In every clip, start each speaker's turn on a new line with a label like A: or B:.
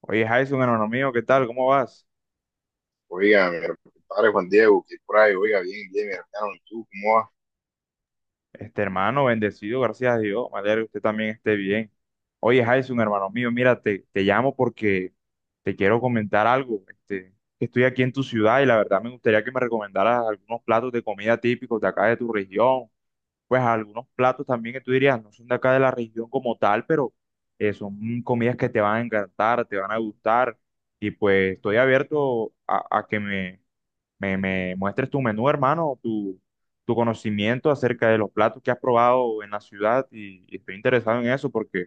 A: Oye, Jason, hermano mío, ¿qué tal? ¿Cómo vas?
B: Oiga, mi compadre Juan Diego, que por ahí, oiga, bien, bien, mi hermano, ¿y tú cómo vas?
A: Este hermano, bendecido, gracias a Dios. Me alegra que usted también esté bien. Oye, Jason, hermano mío, mira, te llamo porque te quiero comentar algo. Este, que estoy aquí en tu ciudad y la verdad me gustaría que me recomendaras algunos platos de comida típicos de acá de tu región. Pues algunos platos también que tú dirías no son de acá de la región como tal, pero son comidas que te van a encantar, te van a gustar. Y pues estoy abierto a que me muestres tu menú, hermano, tu conocimiento acerca de los platos que has probado en la ciudad y estoy interesado en eso porque,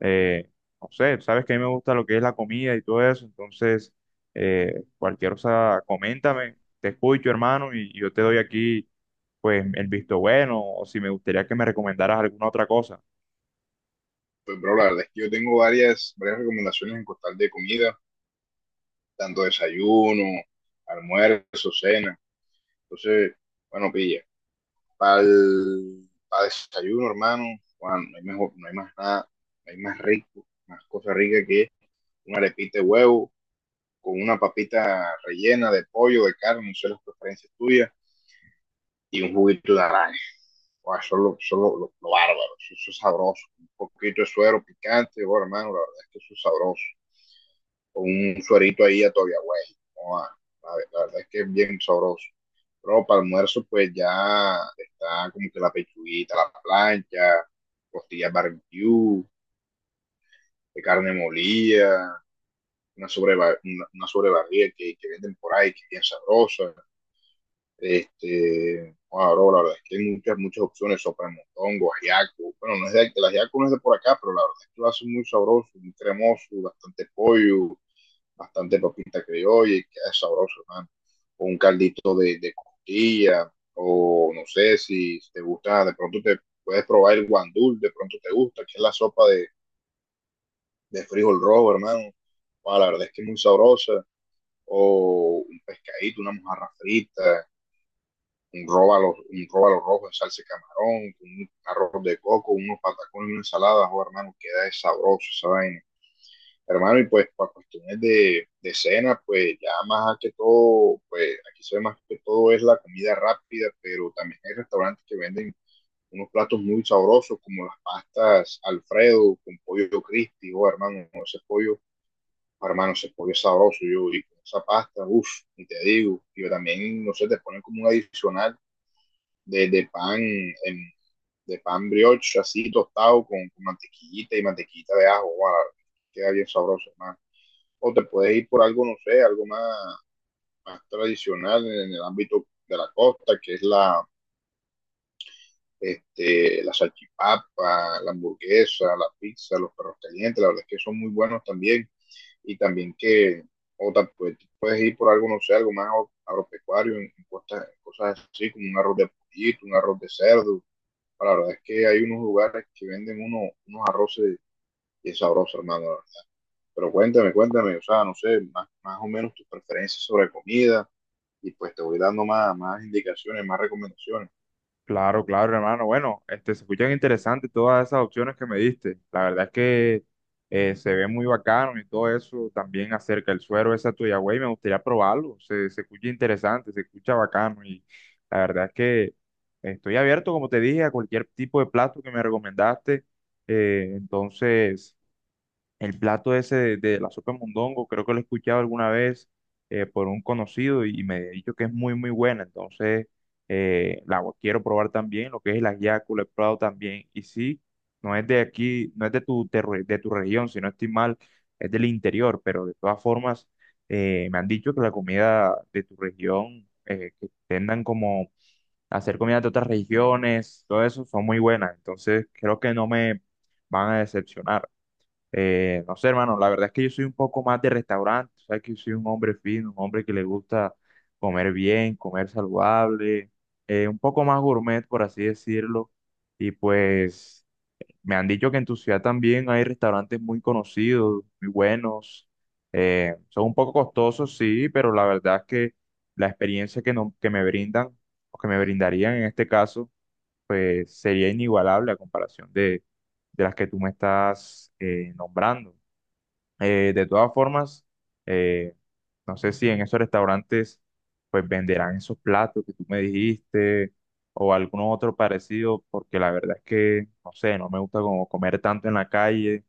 A: eh, no sé, sabes que a mí me gusta lo que es la comida y todo eso, entonces, cualquier cosa, coméntame, te escucho, hermano, y yo te doy aquí, pues, el visto bueno o si me gustaría que me recomendaras alguna otra cosa.
B: Pues, bro, la verdad es que yo tengo varias, varias recomendaciones en costal de comida, tanto desayuno, almuerzo, cena. Entonces, bueno, pilla, para desayuno, hermano, Juan, no hay mejor, no hay más nada, no hay más rico, más cosa rica que una arepita de huevo con una papita rellena de pollo, de carne, no sé las preferencias tuyas, y un juguito de naranja. Guau, son lo bárbaro. Eso es sabroso. Un poquito de suero picante, bueno, hermano, la verdad es que eso es sabroso. Con un suerito ahí a todavía, güey. Guau, la verdad es que es bien sabroso. Pero para almuerzo, pues ya está como que la pechuguita, a la plancha, costillas barbecue, de carne molida, una sobrebarriga que venden por ahí, que es bien sabrosa. Este, bueno, la verdad es que hay muchas, muchas opciones, sopramontongo, ajiaco. Bueno, no es de, el ajiaco no es de por acá, pero la verdad es que lo hace muy sabroso, muy cremoso, bastante pollo, bastante papita criolla, y queda sabroso, hermano. O un caldito de costilla, o no sé si te gusta, de pronto te puedes probar el guandul, de pronto te gusta, que es la sopa de frijol rojo, hermano. Bueno, la verdad es que es muy sabrosa. O un pescadito, una mojarra frita, un róbalo rojo en salsa de camarón, con un arroz de coco, unos patacones, y una ensalada, oh, hermano, queda sabroso esa vaina. Hermano, y pues para cuestiones de cena, pues ya más que todo, pues aquí se ve más que todo es la comida rápida, pero también hay restaurantes que venden unos platos muy sabrosos como las pastas Alfredo con pollo crispy, oh hermano, ese pollo es sabroso, yo y con esa pasta, uff, y te digo, y también, no sé, te ponen como un adicional de, de pan, en, de pan brioche así tostado con mantequillita y mantequillita de ajo, wow, queda bien sabroso, man. O te puedes ir por algo, no sé, algo más tradicional en el ámbito de la costa, que es la salchipapa, la hamburguesa, la pizza, los perros calientes, la verdad es que son muy buenos también. Y también que, o te puedes ir por algo, no sé, algo más agro- agropecuario, en cosas así como un arroz de pollito, un arroz de cerdo, la verdad es que hay unos lugares que venden unos arroces y es sabroso, hermano, la verdad. Pero cuéntame, cuéntame, o sea, no sé, más o menos tus preferencias sobre comida y pues te voy dando más indicaciones, más recomendaciones.
A: Claro, claro, hermano. Bueno, este, se escuchan interesantes todas esas opciones que me diste. La verdad es que se ve muy bacano y todo eso. También acerca del suero ese Tuyagüey, me gustaría probarlo. Se escucha interesante, se escucha bacano. Y la verdad es que estoy abierto, como te dije, a cualquier tipo de plato que me recomendaste. Eh, entonces. El plato ese de la sopa de mondongo, creo que lo he escuchado alguna vez por un conocido y me ha dicho que es muy, muy buena. Entonces, la quiero probar también, lo que es el ajiaco, lo he probado también. Y sí, no es de aquí, no es de tu, de tu región, si no estoy mal, es del interior, pero de todas formas, me han dicho que la comida de tu región, que tendan como a hacer comida de otras regiones, todo eso, son muy buenas. Entonces, creo que no me van a decepcionar. No sé, hermano, la verdad es que yo soy un poco más de restaurante, sabes que yo soy un hombre fino, un hombre que le gusta comer bien, comer saludable, un poco más gourmet, por así decirlo. Y pues me han dicho que en tu ciudad también hay restaurantes muy conocidos, muy buenos. Son un poco costosos, sí, pero la verdad es que la experiencia que, no- que me brindan, o que me brindarían en este caso, pues sería inigualable a comparación de las que tú me estás nombrando. De todas formas, eh, no sé si en esos restaurantes pues venderán esos platos que tú me dijiste o algún otro parecido, porque la verdad es que, no sé, no me gusta como comer tanto en la calle.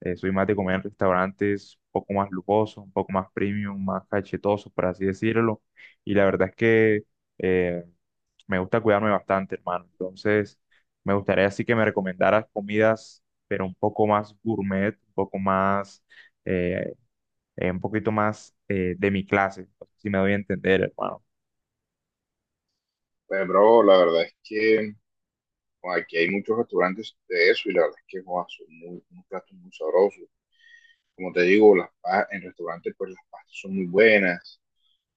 A: Soy más de comer en restaurantes un poco más lujosos, un poco más premium, más cachetosos, por así decirlo. Y la verdad es que eh, me gusta cuidarme bastante, hermano. Entonces, me gustaría así que me recomendaras comidas, pero un poco más gourmet, un poco más, eh, un poquito más de mi clase. No sé si me doy a entender, hermano.
B: Pues, bro, la verdad es que bueno, aquí hay muchos restaurantes de eso y la verdad es que joa, son muy, unos platos muy sabrosos. Como te digo, en restaurantes pues las pastas son muy buenas.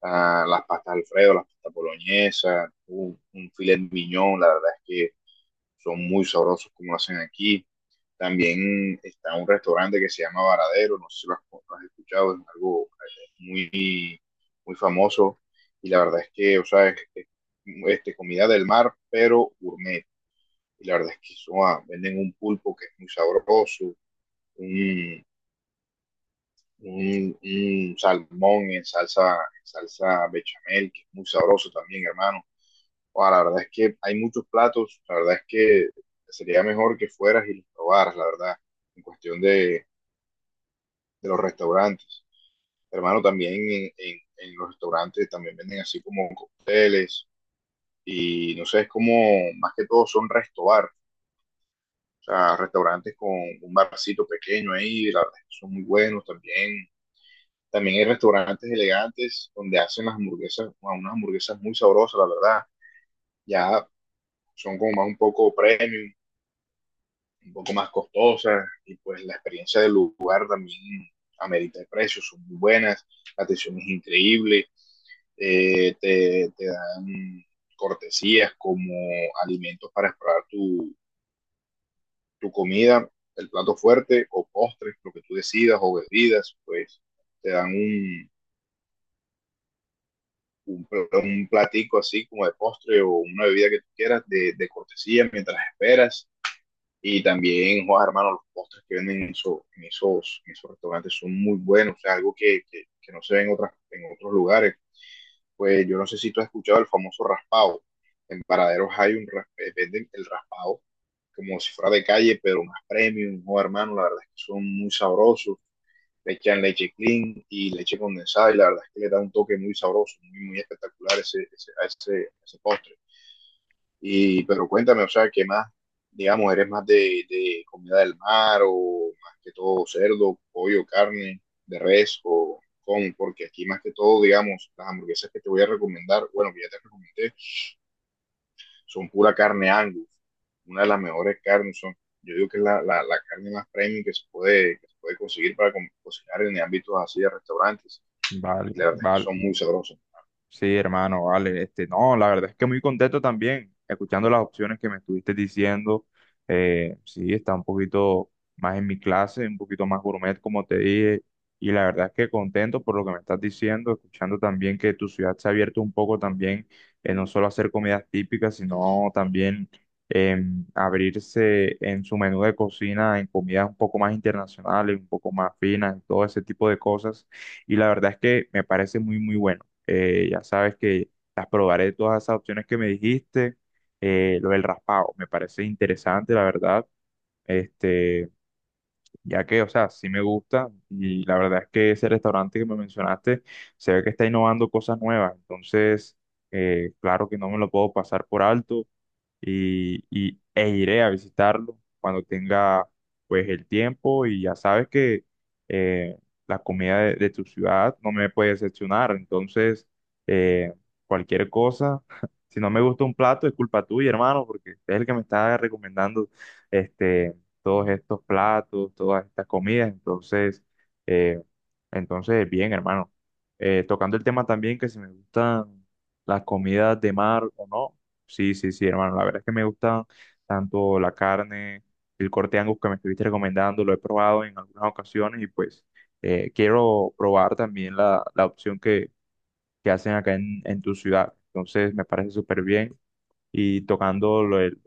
B: Ah, las pastas Alfredo, las pastas boloñesas, un filet mignon, la verdad es que son muy sabrosos como lo hacen aquí. También está un restaurante que se llama Varadero, no sé si lo has escuchado, es algo muy famoso y la verdad es que, o sea, es comida del mar, pero gourmet. Y la verdad es que eso, ah, venden un pulpo que es muy sabroso, un, un salmón en salsa bechamel, que es muy sabroso también, hermano. Wow, la verdad es que hay muchos platos, la verdad es que sería mejor que fueras y los probaras, la verdad, en cuestión de los restaurantes. Hermano, también en los restaurantes también venden así como cócteles y no sé, es como más que todo son restobar, o sea, restaurantes con un barcito pequeño ahí, la verdad es que son muy buenos también. También hay restaurantes elegantes donde hacen las hamburguesas, wow, unas hamburguesas muy sabrosas, la verdad. Ya son como más un poco premium, un poco más costosas, y pues la experiencia del lugar también amerita el precio, son muy buenas, la atención es increíble, te dan cortesías como alimentos para explorar tu comida, el plato fuerte o postres, lo que tú decidas o bebidas, pues te dan un, un platico así como de postre o una bebida que tú quieras de cortesía mientras esperas. Y también, Juan, hermano, los postres que venden en esos restaurantes son muy buenos, o sea, algo que no se ve en otros lugares. Pues yo no sé si tú has escuchado el famoso raspado. En Paraderos hay venden el raspado como si fuera de calle, pero más premium, Juan, hermano, la verdad es que son muy sabrosos. Le echan leche clean y leche condensada y la verdad es que le da un toque muy sabroso, muy, muy espectacular a ese postre. Y, pero cuéntame, o sea, ¿qué más, digamos, eres más de comida del mar o más que todo cerdo, pollo, carne, de res o con? Porque aquí más que todo, digamos, las hamburguesas que te voy a recomendar, bueno, que ya te recomendé, son pura carne Angus, una de las mejores carnes, son, yo digo que es la carne más premium que se puede conseguir para cocinar en ámbitos así de restaurantes, y la
A: Vale,
B: verdad es que
A: vale.
B: son muy sabrosas.
A: Sí, hermano, vale. Este, no, la verdad es que muy contento también, escuchando las opciones que me estuviste diciendo. Sí, está un poquito más en mi clase, un poquito más gourmet, como te dije. Y la verdad es que contento por lo que me estás diciendo, escuchando también que tu ciudad se ha abierto un poco también, no solo a hacer comidas típicas, sino también abrirse en su menú de cocina, en comidas un poco más internacionales, un poco más finas, todo ese tipo de cosas. Y la verdad es que me parece muy, muy bueno. Ya sabes que las probaré todas esas opciones que me dijiste. Lo del raspado me parece interesante, la verdad. Este, ya que, o sea, sí me gusta y la verdad es que ese restaurante que me mencionaste se ve que está innovando cosas nuevas. Entonces, claro que no me lo puedo pasar por alto e iré a visitarlo cuando tenga pues el tiempo y ya sabes que eh, la comida de tu ciudad no me puede decepcionar, entonces eh, cualquier cosa, si no me gusta un plato es culpa tuya, hermano, porque es el que me está recomendando este, todos estos platos, todas estas comidas, entonces, eh, entonces bien, hermano. Tocando el tema también que si me gustan las comidas de mar o no. Sí, sí, sí, hermano. La verdad es que me gusta tanto la carne, el corte Angus que me estuviste recomendando, lo he probado en algunas ocasiones y pues quiero probar también la opción que hacen acá en tu ciudad. Entonces me parece súper bien. Y tocando lo de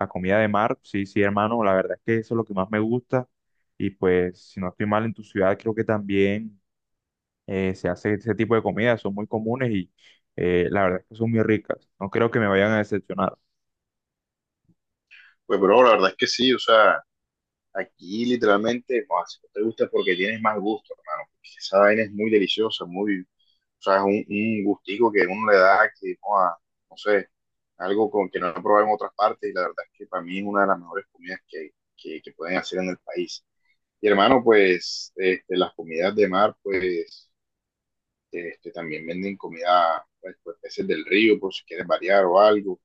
A: la comida de mar, sí, sí, hermano, la verdad es que eso es lo que más me gusta. Y pues si no estoy mal en tu ciudad, creo que también se hace ese tipo de comidas, son muy comunes y la verdad es que son muy ricas. No creo que me vayan a decepcionar.
B: Pues, bro, la verdad es que sí, o sea, aquí literalmente, no, si no te gusta es porque tienes más gusto, hermano. Porque esa vaina es muy deliciosa, muy, o sea, es un gustico que uno le da que, joa, no sé, algo con que no he probado en otras partes y la verdad es que para mí es una de las mejores comidas que pueden hacer en el país. Y hermano, pues este, las comidas de mar, pues este, también venden comida, pues peces del río, por si quieres variar o algo.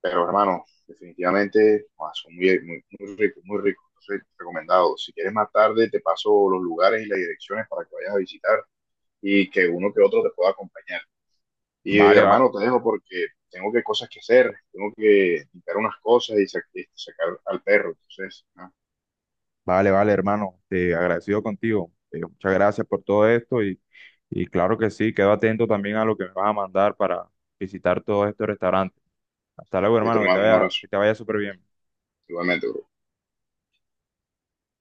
B: Pero hermano, definitivamente son muy, muy, muy ricos, muy ricos. Entonces, recomendado. Si quieres más tarde, te paso los lugares y las direcciones para que vayas a visitar y que uno que otro te pueda acompañar. Y
A: Vale, va-
B: hermano, te dejo porque tengo que cosas que hacer, tengo que limpiar unas cosas y sacar al perro. Entonces, ¿no?
A: vale, vale, hermano. Te agradecido contigo. Muchas gracias por todo esto y claro que sí, quedo atento también a lo que me vas a mandar para visitar todos estos restaurantes. Hasta luego,
B: Listo,
A: hermano,
B: hermano, un abrazo.
A: que te vaya súper bien.
B: Igualmente, bro.